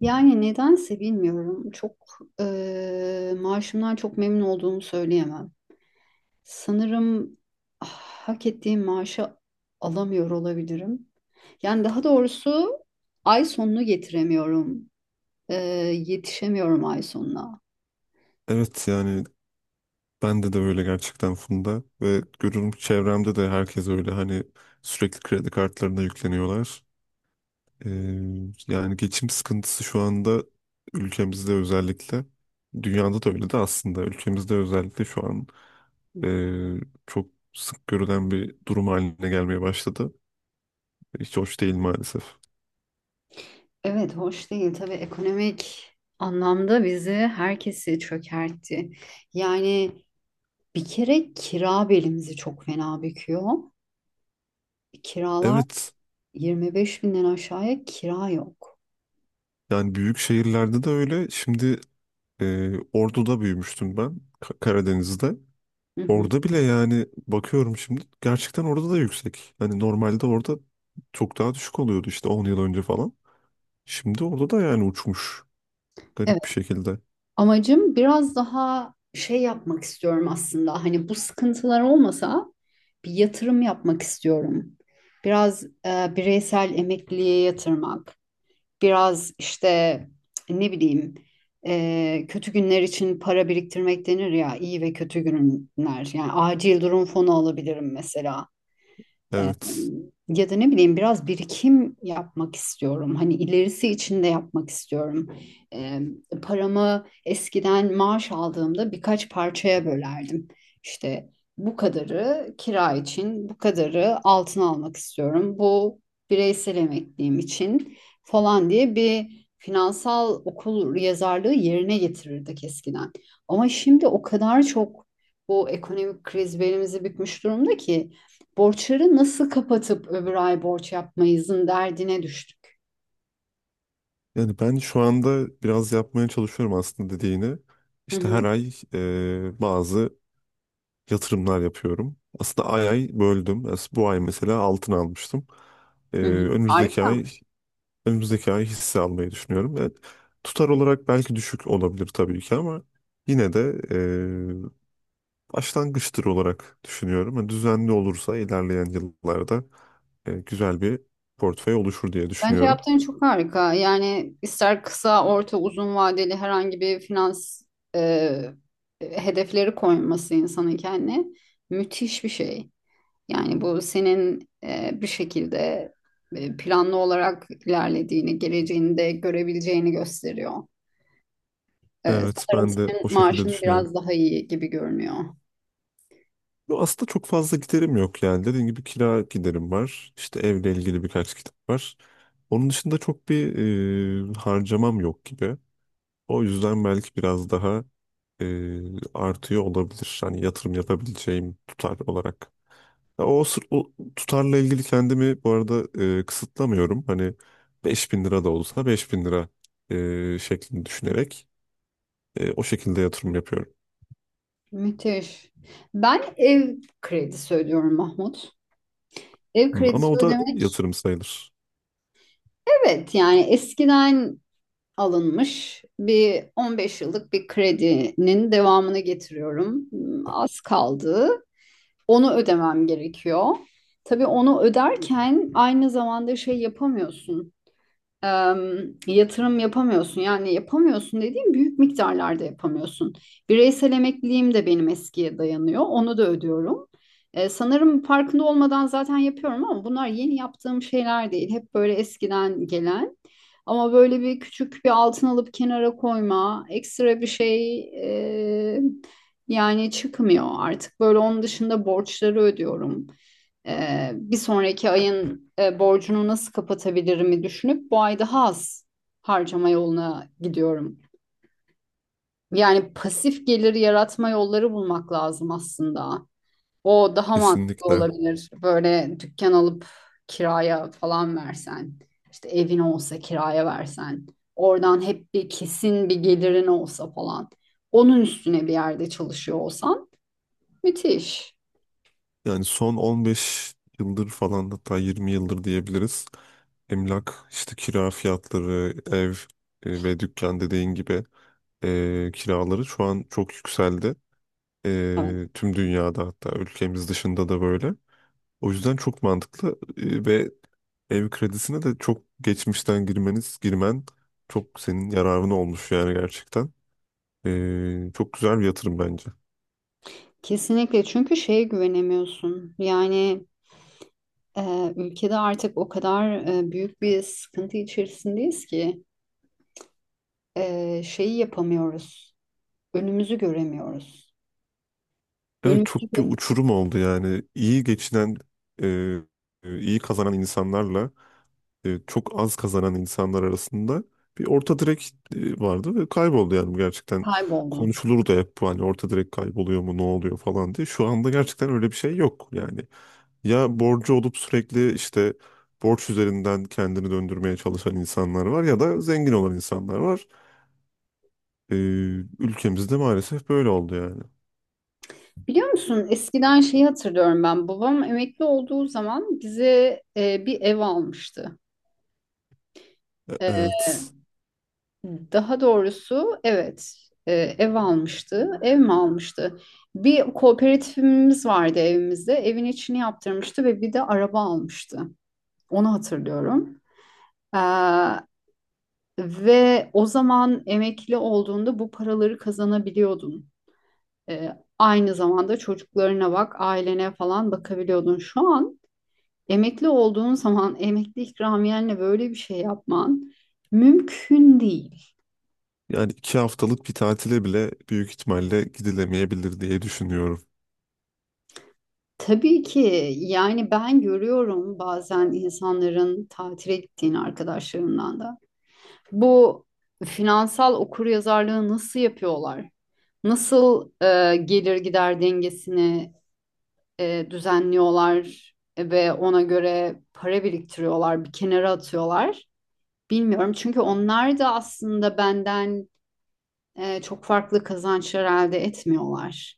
Yani nedense bilmiyorum. Çok maaşımdan çok memnun olduğumu söyleyemem. Sanırım ah, hak ettiğim maaşı alamıyor olabilirim. Yani daha doğrusu ay sonunu getiremiyorum. Eee, Yetişemiyorum ay sonuna. Evet yani bende de öyle gerçekten Funda ve görüyorum ki çevremde de herkes öyle hani sürekli kredi kartlarına yükleniyorlar. Ee, yani geçim sıkıntısı şu anda ülkemizde özellikle dünyada da öyle de aslında ülkemizde özellikle şu an ee, çok sık görülen bir durum haline gelmeye başladı. Hiç hoş değil maalesef. Evet, hoş değil. Tabii ekonomik anlamda bizi herkesi çökertti. Yani bir kere kira belimizi çok fena büküyor. Kiralar Evet 25 binden aşağıya kira yok. yani büyük şehirlerde de öyle şimdi Ordu'da büyümüştüm ben Karadeniz'de. Hı hı. Orada bile yani bakıyorum şimdi gerçekten orada da yüksek. Hani normalde orada çok daha düşük oluyordu işte 10 yıl önce falan. Şimdi orada da yani uçmuş Evet, garip bir şekilde. amacım biraz daha şey yapmak istiyorum aslında. Hani bu sıkıntılar olmasa bir yatırım yapmak istiyorum. Biraz bireysel emekliliğe yatırmak, biraz işte ne bileyim, kötü günler için para biriktirmek denir ya, iyi ve kötü günler. Yani acil durum fonu alabilirim mesela. Ee, Evet. Ya da ne bileyim biraz birikim yapmak istiyorum. Hani ilerisi için de yapmak istiyorum. Ee, Paramı eskiden maaş aldığımda birkaç parçaya bölerdim. İşte bu kadarı kira için, bu kadarı altın almak istiyorum. Bu bireysel emekliliğim için falan diye bir finansal okul yazarlığı yerine getirirdik eskiden. Ama şimdi o kadar çok bu ekonomik kriz belimizi bükmüş durumda ki borçları nasıl kapatıp öbür ay borç yapmayızın derdine düştük. Yani ben şu anda biraz yapmaya çalışıyorum aslında dediğini. Hı İşte her hı, ay bazı yatırımlar yapıyorum. Aslında ay ay böldüm. Bu ay mesela altın almıştım. E, hı hı. önümüzdeki Harika. ay Önümüzdeki ay hisse almayı düşünüyorum. Evet, tutar olarak belki düşük olabilir tabii ki ama yine de başlangıçtır olarak düşünüyorum. Yani düzenli olursa ilerleyen yıllarda güzel bir portföy oluşur diye Bence düşünüyorum. yaptığın çok harika. Yani ister kısa, orta, uzun vadeli herhangi bir finans e, hedefleri koyması insanın kendine müthiş bir şey. Yani bu senin, bir şekilde planlı olarak ilerlediğini, geleceğini de görebileceğini gösteriyor. Evet Sanırım ben de senin o şekilde maaşın düşünüyorum. biraz daha iyi gibi görünüyor. Yo, aslında çok fazla giderim yok yani. Dediğim gibi kira giderim var. İşte evle ilgili birkaç kitap var. Onun dışında çok bir harcamam yok gibi. O yüzden belki biraz daha artıyor olabilir. Hani yatırım yapabileceğim tutar olarak. Ya o tutarla ilgili kendimi bu arada kısıtlamıyorum. Hani 5.000 lira da olsa 5.000 lira şeklinde düşünerek o şekilde yatırım yapıyorum. Müthiş. Ben ev kredisi ödüyorum Mahmut. Ev Hı, ama kredisi o da ödemek, yatırım sayılır. evet yani eskiden alınmış bir 15 yıllık bir kredinin devamını getiriyorum. Hmm, az kaldı. Onu ödemem gerekiyor. Tabii onu öderken aynı zamanda şey yapamıyorsun. Yatırım yapamıyorsun. Yani yapamıyorsun dediğim, büyük miktarlarda yapamıyorsun. Bireysel emekliliğim de benim eskiye dayanıyor. Onu da ödüyorum. Sanırım farkında olmadan zaten yapıyorum, ama bunlar yeni yaptığım şeyler değil. Hep böyle eskiden gelen. Ama böyle bir küçük bir altın alıp kenara koyma, ekstra bir şey e, yani çıkmıyor artık. Böyle onun dışında borçları ödüyorum. Bir sonraki ayın borcunu nasıl kapatabilirimi düşünüp bu ay daha az harcama yoluna gidiyorum. Yani pasif gelir yaratma yolları bulmak lazım aslında. O daha mantıklı Kesinlikle. olabilir. Böyle dükkan alıp kiraya falan versen, işte evin olsa kiraya versen, oradan hep bir kesin bir gelirin olsa falan. Onun üstüne bir yerde çalışıyor olsan, müthiş. Yani son 15 yıldır falan hatta 20 yıldır diyebiliriz. Emlak, işte kira fiyatları, ev ve dükkan dediğin gibi kiraları şu an çok yükseldi. Evet, Tüm dünyada hatta ülkemiz dışında da böyle. O yüzden çok mantıklı ve ev kredisine de çok geçmişten girmen çok senin yararına olmuş yani gerçekten. Çok güzel bir yatırım bence. kesinlikle, çünkü şeye güvenemiyorsun. Yani ülkede artık o kadar büyük bir sıkıntı içerisindeyiz ki şeyi yapamıyoruz. Önümüzü göremiyoruz. Evet Önümüzü çok bir gö- uçurum oldu yani. İyi geçinen, e, iyi kazanan insanlarla çok az kazanan insanlar arasında bir orta direk vardı ve kayboldu yani bu gerçekten. Kayboldu. Konuşulur da hep bu hani orta direk kayboluyor mu ne oluyor falan diye. Şu anda gerçekten öyle bir şey yok yani. Ya borcu olup sürekli işte borç üzerinden kendini döndürmeye çalışan insanlar var ya da zengin olan insanlar var. E, Ülkemizde maalesef böyle oldu yani. Biliyor musun, eskiden şeyi hatırlıyorum ben. Babam emekli olduğu zaman bize bir ev almıştı. E, Evet. Daha doğrusu evet, ev almıştı. Ev mi almıştı? Bir kooperatifimiz vardı evimizde. Evin içini yaptırmıştı ve bir de araba almıştı. Onu hatırlıyorum. Ee, Ve o zaman emekli olduğunda bu paraları kazanabiliyordun. Ee, Aynı zamanda çocuklarına bak, ailene falan bakabiliyordun. Şu an emekli olduğun zaman emekli ikramiyenle böyle bir şey yapman mümkün değil. Yani 2 haftalık bir tatile bile büyük ihtimalle gidilemeyebilir diye düşünüyorum. Tabii ki. Yani ben görüyorum bazen insanların tatile gittiğini arkadaşlarımdan da. Bu finansal okuryazarlığı nasıl yapıyorlar? Nasıl gelir gider dengesini düzenliyorlar ve ona göre para biriktiriyorlar, bir kenara atıyorlar. Bilmiyorum, çünkü onlar da aslında benden çok farklı kazançlar elde etmiyorlar.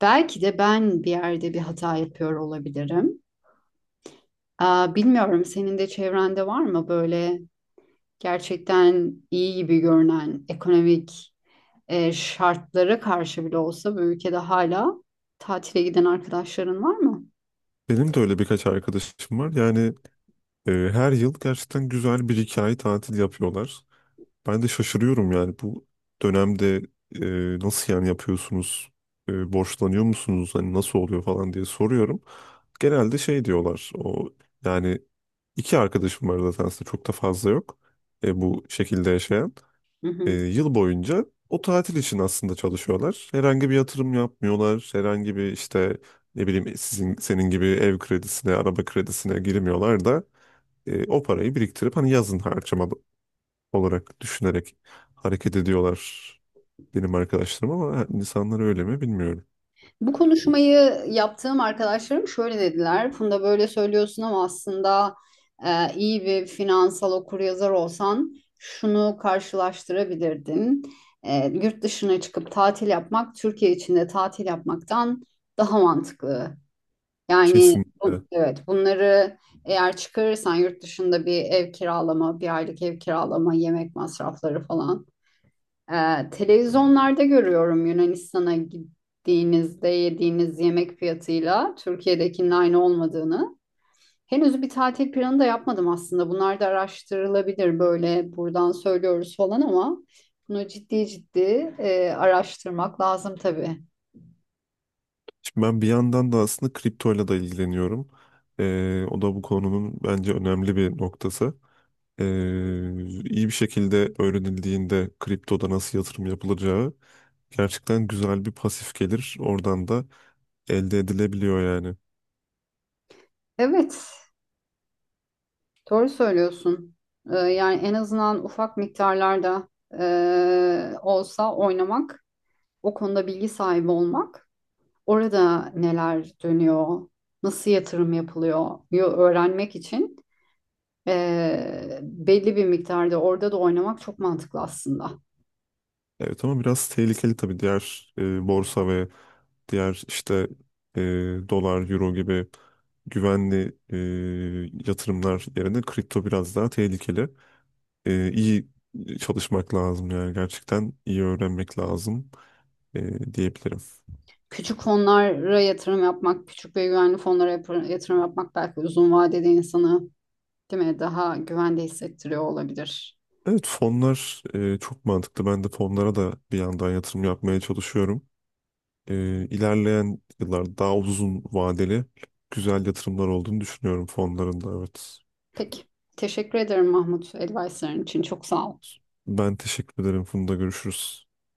Belki de ben bir yerde bir hata yapıyor olabilirim. Bilmiyorum, senin de çevrende var mı böyle gerçekten iyi gibi görünen ekonomik şartlara karşı bile olsa bu ülkede hala tatile giden arkadaşların var mı? Benim de öyle birkaç arkadaşım var. Yani her yıl gerçekten güzel bir iki ay tatil yapıyorlar. Ben de şaşırıyorum yani bu dönemde nasıl yani yapıyorsunuz? Borçlanıyor musunuz? Hani nasıl oluyor falan diye soruyorum. Genelde şey diyorlar. O yani iki arkadaşım var zaten aslında çok da fazla yok. Bu şekilde yaşayan. Hı hı. Yıl boyunca o tatil için aslında çalışıyorlar. Herhangi bir yatırım yapmıyorlar. Herhangi bir işte ne bileyim senin gibi ev kredisine, araba kredisine girmiyorlar da o parayı biriktirip hani yazın harcama olarak düşünerek hareket ediyorlar benim arkadaşlarım ama insanlar öyle mi bilmiyorum. Bu konuşmayı yaptığım arkadaşlarım şöyle dediler: Funda, böyle söylüyorsun ama aslında iyi bir finansal okuryazar olsan şunu karşılaştırabilirdin. Yurt dışına çıkıp tatil yapmak Türkiye içinde tatil yapmaktan daha mantıklı. Yani Kesin. Evet, bunları eğer çıkarırsan yurt dışında bir ev kiralama, bir aylık ev kiralama, yemek masrafları falan. Televizyonlarda görüyorum Yunanistan'a gittiğinizde yediğiniz yemek fiyatıyla Türkiye'dekinin aynı olmadığını. Henüz bir tatil planı da yapmadım aslında. Bunlar da araştırılabilir, böyle buradan söylüyoruz falan ama bunu ciddi ciddi araştırmak lazım tabii. Şimdi ben bir yandan da aslında kriptoyla da ilgileniyorum. O da bu konunun bence önemli bir noktası. Ee, iyi bir şekilde öğrenildiğinde kriptoda nasıl yatırım yapılacağı gerçekten güzel bir pasif gelir. Oradan da elde edilebiliyor yani. Evet, doğru söylüyorsun. Yani en azından ufak miktarlarda olsa oynamak, o konuda bilgi sahibi olmak, orada neler dönüyor, nasıl yatırım yapılıyor öğrenmek için, belli bir miktarda orada da oynamak çok mantıklı aslında. Evet ama biraz tehlikeli tabii diğer borsa ve diğer işte e, dolar, euro gibi güvenli yatırımlar yerine kripto biraz daha tehlikeli. İyi çalışmak lazım yani gerçekten iyi öğrenmek lazım diyebilirim. Küçük fonlara yatırım yapmak, küçük ve güvenli fonlara yatırım yapmak belki uzun vadede insanı, değil mi, daha güvende hissettiriyor olabilir. Evet fonlar çok mantıklı. Ben de fonlara da bir yandan yatırım yapmaya çalışıyorum. İlerleyen yıllarda daha uzun vadeli güzel yatırımlar olduğunu düşünüyorum fonların da evet. Peki. Teşekkür ederim Mahmut, advice'ların için. Çok sağ ol. Ben teşekkür ederim. Funda görüşürüz.